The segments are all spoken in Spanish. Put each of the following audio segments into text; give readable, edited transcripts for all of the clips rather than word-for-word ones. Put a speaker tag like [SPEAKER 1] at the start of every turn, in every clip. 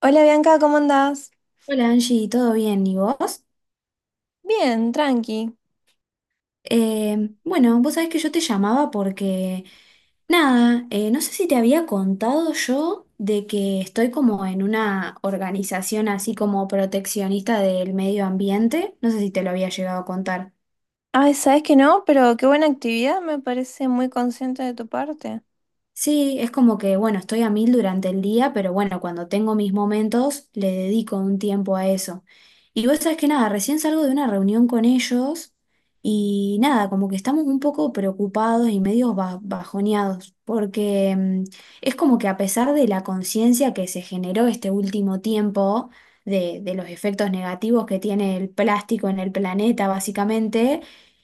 [SPEAKER 1] Hola Bianca, ¿cómo andás?
[SPEAKER 2] Hola Angie, ¿todo bien? ¿Y vos?
[SPEAKER 1] Bien, tranqui.
[SPEAKER 2] Bueno, vos sabés que yo te llamaba porque, nada, no sé si te había contado yo de que estoy como en una organización así como proteccionista del medio ambiente, no sé si te lo había llegado a contar.
[SPEAKER 1] Ay, sabes que no, pero qué buena actividad, me parece muy consciente de tu parte.
[SPEAKER 2] Sí, es como que, bueno, estoy a mil durante el día, pero bueno, cuando tengo mis momentos, le dedico un tiempo a eso. Y vos sabés que nada, recién salgo de una reunión con ellos y nada, como que estamos un poco preocupados y medio bajoneados, porque es como que a pesar de la conciencia que se generó este último tiempo, de los efectos negativos que tiene el plástico en el planeta, básicamente,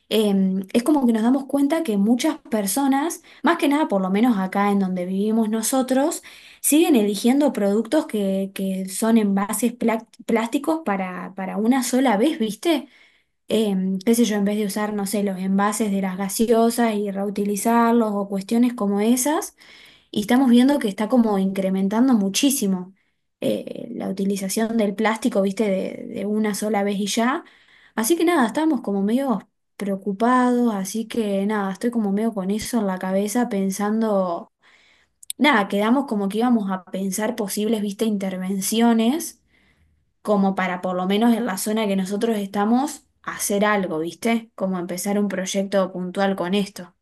[SPEAKER 2] es como que nos damos cuenta que muchas personas más que nada, por lo menos acá en donde vivimos nosotros, siguen eligiendo productos que son envases plásticos para una sola vez, ¿viste? Qué sé yo, en vez de usar, no sé, los envases de las gaseosas y reutilizarlos o cuestiones como esas. Y estamos viendo que está como incrementando muchísimo la utilización del plástico, viste, de una sola vez y ya. Así que nada, estamos como medio preocupados, así que nada, estoy como medio con eso en la cabeza pensando, nada, quedamos como que íbamos a pensar posibles, viste, intervenciones, como para por lo menos en la zona que nosotros estamos hacer algo, viste, como empezar un proyecto puntual con esto.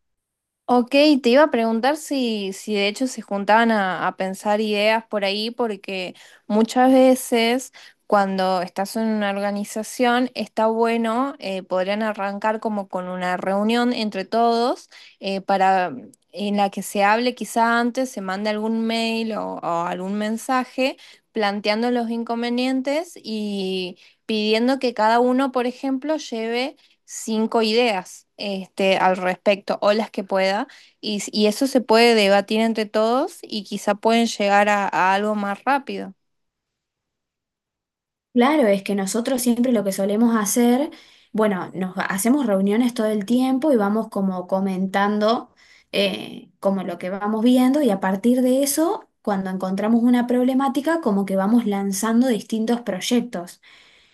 [SPEAKER 1] Ok, te iba a preguntar si de hecho se juntaban a pensar ideas por ahí, porque muchas veces cuando estás en una organización está bueno, podrían arrancar como con una reunión entre todos para en la que se hable quizá antes, se mande algún mail o algún mensaje planteando los inconvenientes y pidiendo que cada uno, por ejemplo, lleve 5 ideas este, al respecto o las que pueda y, y eso se puede debatir entre todos y quizá pueden llegar a algo más rápido.
[SPEAKER 2] Claro, es que nosotros siempre lo que solemos hacer, bueno, hacemos reuniones todo el tiempo y vamos como comentando como lo que vamos viendo y a partir de eso, cuando encontramos una problemática, como que vamos lanzando distintos proyectos.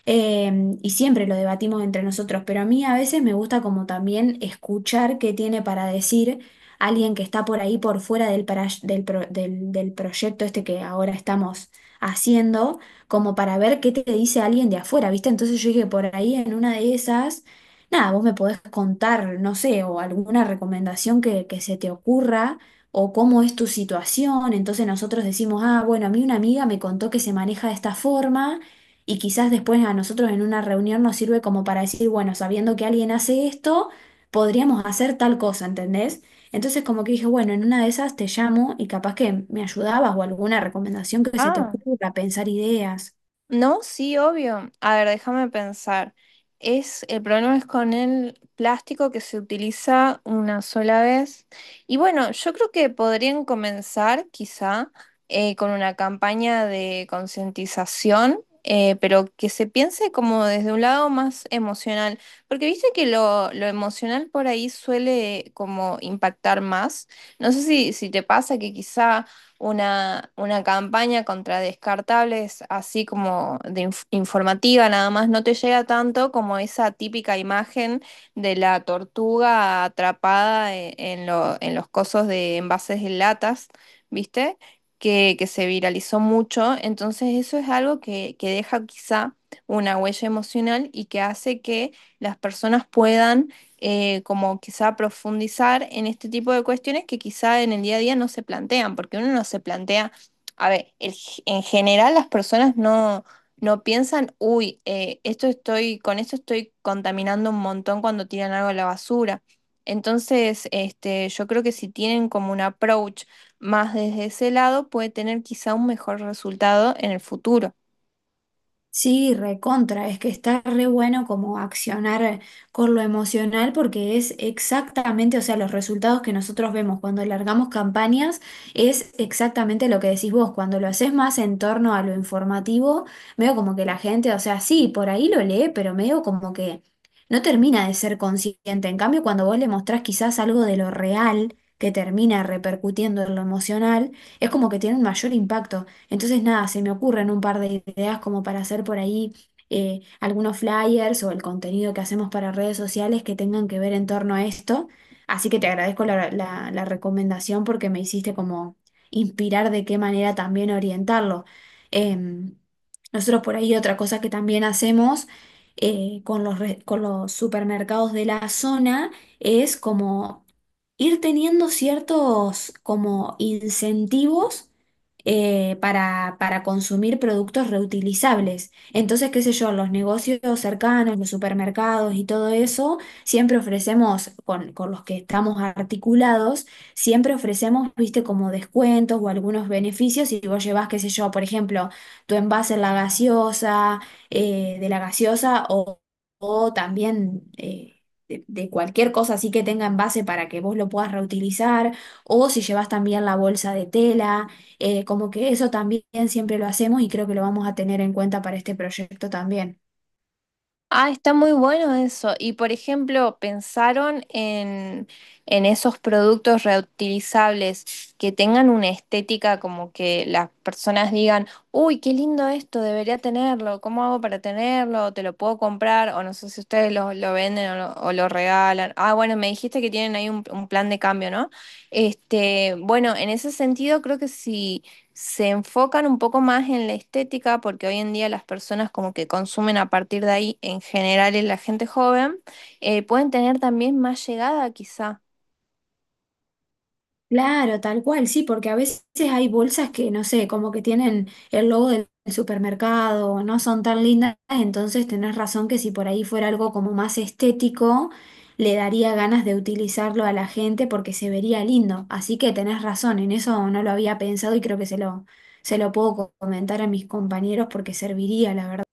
[SPEAKER 2] Y siempre lo debatimos entre nosotros, pero a mí a veces me gusta como también escuchar qué tiene para decir alguien que está por ahí por fuera del, para- del, pro- del del proyecto este que ahora estamos haciendo como para ver qué te dice alguien de afuera, ¿viste? Entonces yo dije, por ahí en una de esas, nada, vos me podés contar, no sé, o alguna recomendación que se te ocurra, o cómo es tu situación. Entonces nosotros decimos, ah, bueno, a mí una amiga me contó que se maneja de esta forma. Y quizás después a nosotros en una reunión nos sirve como para decir, bueno, sabiendo que alguien hace esto, podríamos hacer tal cosa, ¿entendés? Entonces como que dije, bueno, en una de esas te llamo y capaz que me ayudabas o alguna recomendación que se te
[SPEAKER 1] Ah,
[SPEAKER 2] ocurra, pensar ideas.
[SPEAKER 1] no, sí, obvio. A ver, déjame pensar. Es, el problema es con el plástico que se utiliza una sola vez. Y bueno, yo creo que podrían comenzar quizá con una campaña de concientización, pero que se piense como desde un lado más emocional, porque viste que lo emocional por ahí suele como impactar más. No sé si te pasa que quizá una campaña contra descartables, así como de informativa nada más, no te llega tanto como esa típica imagen de la tortuga atrapada en los cosos de envases de latas, ¿viste? Que se viralizó mucho. Entonces eso es algo que deja quizá una huella emocional y que hace que las personas puedan como quizá profundizar en este tipo de cuestiones que quizá en el día a día no se plantean, porque uno no se plantea, a ver, en general las personas no piensan, uy, con esto estoy contaminando un montón cuando tiran algo a la basura. Entonces, este, yo creo que si tienen como un approach más desde ese lado, puede tener quizá un mejor resultado en el futuro.
[SPEAKER 2] Sí, recontra, es que está re bueno como accionar con lo emocional porque es exactamente, o sea, los resultados que nosotros vemos cuando largamos campañas es exactamente lo que decís vos, cuando lo haces más en torno a lo informativo, medio como que la gente, o sea, sí, por ahí lo lee, pero medio como que no termina de ser consciente. En cambio, cuando vos le mostrás quizás algo de lo real que termina repercutiendo en lo emocional, es como que tiene un mayor impacto. Entonces, nada, se me ocurren un par de ideas como para hacer por ahí algunos flyers o el contenido que hacemos para redes sociales que tengan que ver en torno a esto. Así que te agradezco la recomendación porque me hiciste como inspirar de qué manera también orientarlo. Em, Nosotros por ahí otra cosa que también hacemos con con los supermercados de la zona es como ir teniendo ciertos como incentivos para consumir productos reutilizables. Entonces, qué sé yo, los negocios cercanos, los supermercados y todo eso, siempre ofrecemos, con los que estamos articulados, siempre ofrecemos, viste, como descuentos o algunos beneficios. Si vos llevas, qué sé yo, por ejemplo, tu envase en la gaseosa, de la gaseosa o también... de cualquier cosa así que tenga envase para que vos lo puedas reutilizar, o si llevas también la bolsa de tela, como que eso también siempre lo hacemos y creo que lo vamos a tener en cuenta para este proyecto también.
[SPEAKER 1] Ah, está muy bueno eso. Y por ejemplo, ¿pensaron en esos productos reutilizables que tengan una estética como que las personas digan, uy, qué lindo esto, debería tenerlo, ¿cómo hago para tenerlo? ¿Te lo puedo comprar? O no sé si ustedes lo venden o lo regalan. Ah, bueno, me dijiste que tienen ahí un plan de cambio, ¿no? Este, bueno, en ese sentido creo que sí se enfocan un poco más en la estética, porque hoy en día las personas como que consumen a partir de ahí, en general en la gente joven, pueden tener también más llegada quizá.
[SPEAKER 2] Claro, tal cual, sí, porque a veces hay bolsas que, no sé, como que tienen el logo del supermercado, no son tan lindas, entonces tenés razón que si por ahí fuera algo como más estético, le daría ganas de utilizarlo a la gente porque se vería lindo. Así que tenés razón, en eso no lo había pensado y creo que se lo puedo comentar a mis compañeros porque serviría, la verdad.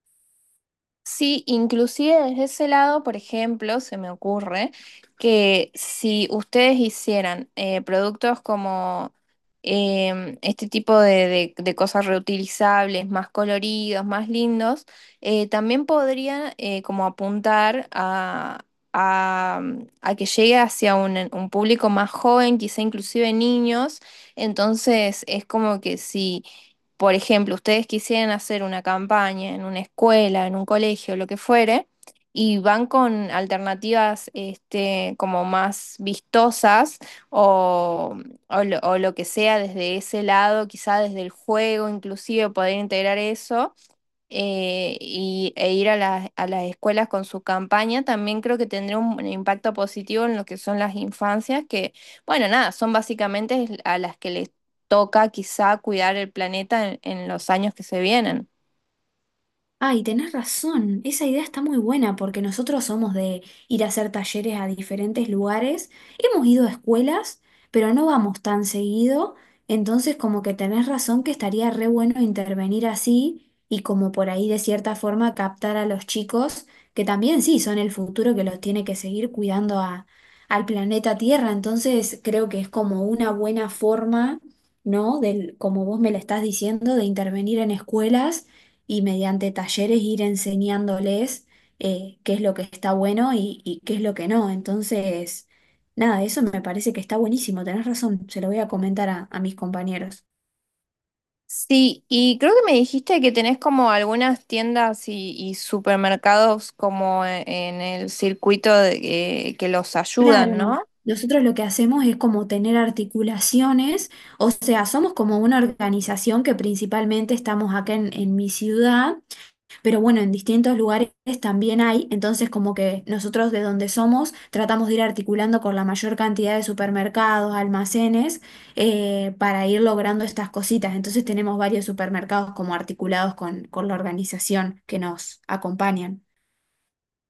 [SPEAKER 1] Sí, inclusive desde ese lado, por ejemplo, se me ocurre que si ustedes hicieran productos como este tipo de cosas reutilizables, más coloridos, más lindos, también podrían como apuntar a- a que llegue hacia un público más joven, quizá inclusive niños. Entonces es como que si por ejemplo, ustedes quisieran hacer una campaña en una escuela, en un colegio, lo que fuere, y van con alternativas este, como más vistosas o, o lo que sea desde ese lado, quizá desde el juego, inclusive poder integrar eso, e ir a a las escuelas con su campaña, también creo que tendría un impacto positivo en lo que son las infancias, que, bueno, nada, son básicamente a las que les toca quizá cuidar el planeta en los años que se vienen.
[SPEAKER 2] Ay, tenés razón, esa idea está muy buena porque nosotros somos de ir a hacer talleres a diferentes lugares, hemos ido a escuelas, pero no vamos tan seguido, entonces como que tenés razón que estaría re bueno intervenir así y como por ahí de cierta forma captar a los chicos, que también sí son el futuro que los tiene que seguir cuidando a, al planeta Tierra, entonces creo que es como una buena forma, ¿no? Del, como vos me la estás diciendo, de intervenir en escuelas y mediante talleres ir enseñándoles qué es lo que está bueno y qué es lo que no. Entonces, nada, eso me parece que está buenísimo, tenés razón, se lo voy a comentar a mis compañeros.
[SPEAKER 1] Sí, y creo que me dijiste que tenés como algunas tiendas y supermercados como en el circuito que los ayudan,
[SPEAKER 2] Claro,
[SPEAKER 1] ¿no?
[SPEAKER 2] nosotros lo que hacemos es como tener articulaciones, o sea, somos como una organización que principalmente estamos acá en mi ciudad. Pero bueno, en distintos lugares también hay, entonces como que nosotros de donde somos tratamos de ir articulando con la mayor cantidad de supermercados, almacenes, para ir logrando estas cositas. Entonces tenemos varios supermercados como articulados con la organización que nos acompañan.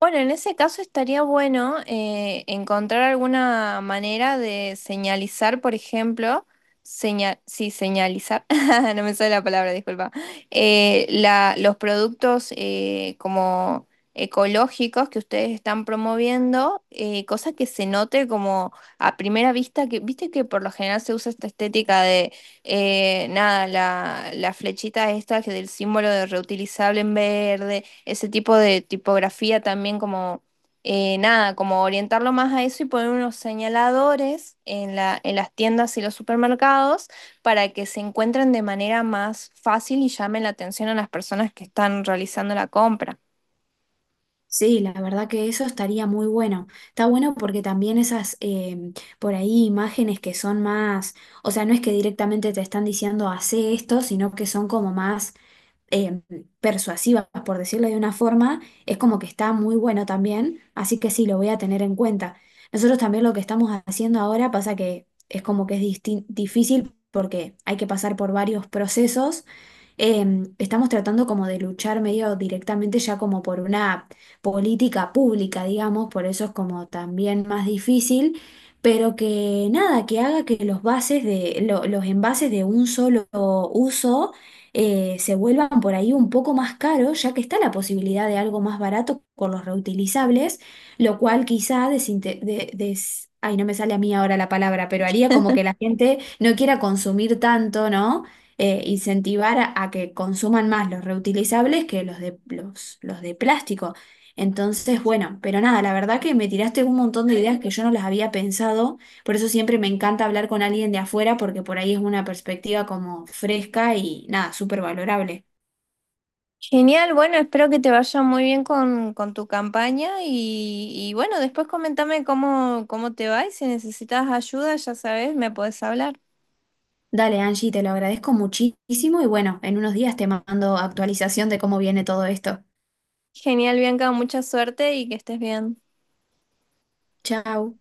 [SPEAKER 1] Bueno, en ese caso estaría bueno encontrar alguna manera de señalizar, por ejemplo, señal, sí, señalizar, no me sale la palabra, disculpa, la, los productos como ecológicos que ustedes están promoviendo, cosa que se note como a primera vista, que viste que por lo general se usa esta estética de, nada, la flechita esta que del símbolo de reutilizable en verde ese tipo de tipografía también como, nada, como orientarlo más a eso y poner unos señaladores en la, en las tiendas y los supermercados para que se encuentren de manera más fácil y llamen la atención a las personas que están realizando la compra.
[SPEAKER 2] Sí, la verdad que eso estaría muy bueno. Está bueno porque también esas, por ahí, imágenes que son más, o sea, no es que directamente te están diciendo hace esto, sino que son como más eh, persuasivas, por decirlo de una forma, es como que está muy bueno también, así que sí, lo voy a tener en cuenta. Nosotros también lo que estamos haciendo ahora pasa que es como que es difícil porque hay que pasar por varios procesos. Estamos tratando como de luchar medio directamente ya como por una política pública, digamos, por eso es como también más difícil, pero que nada, que haga que los bases de los envases de un solo uso se vuelvan por ahí un poco más caros, ya que está la posibilidad de algo más barato con los reutilizables, lo cual quizá ay, no me sale a mí ahora la palabra, pero haría como que la gente no quiera consumir tanto, ¿no? Incentivar a que consuman más los reutilizables que los de plástico. Entonces, bueno, pero nada, la verdad que me tiraste un montón de ideas que yo no las había pensado. Por eso siempre me encanta hablar con alguien de afuera porque por ahí es una perspectiva como fresca y nada, súper valorable.
[SPEAKER 1] Genial, bueno, espero que te vaya muy bien con tu campaña y bueno, después comentame cómo, cómo te va y si necesitas ayuda, ya sabes, me puedes hablar.
[SPEAKER 2] Dale, Angie, te lo agradezco muchísimo y bueno, en unos días te mando actualización de cómo viene todo esto.
[SPEAKER 1] Genial, Bianca, mucha suerte y que estés bien.
[SPEAKER 2] Chao.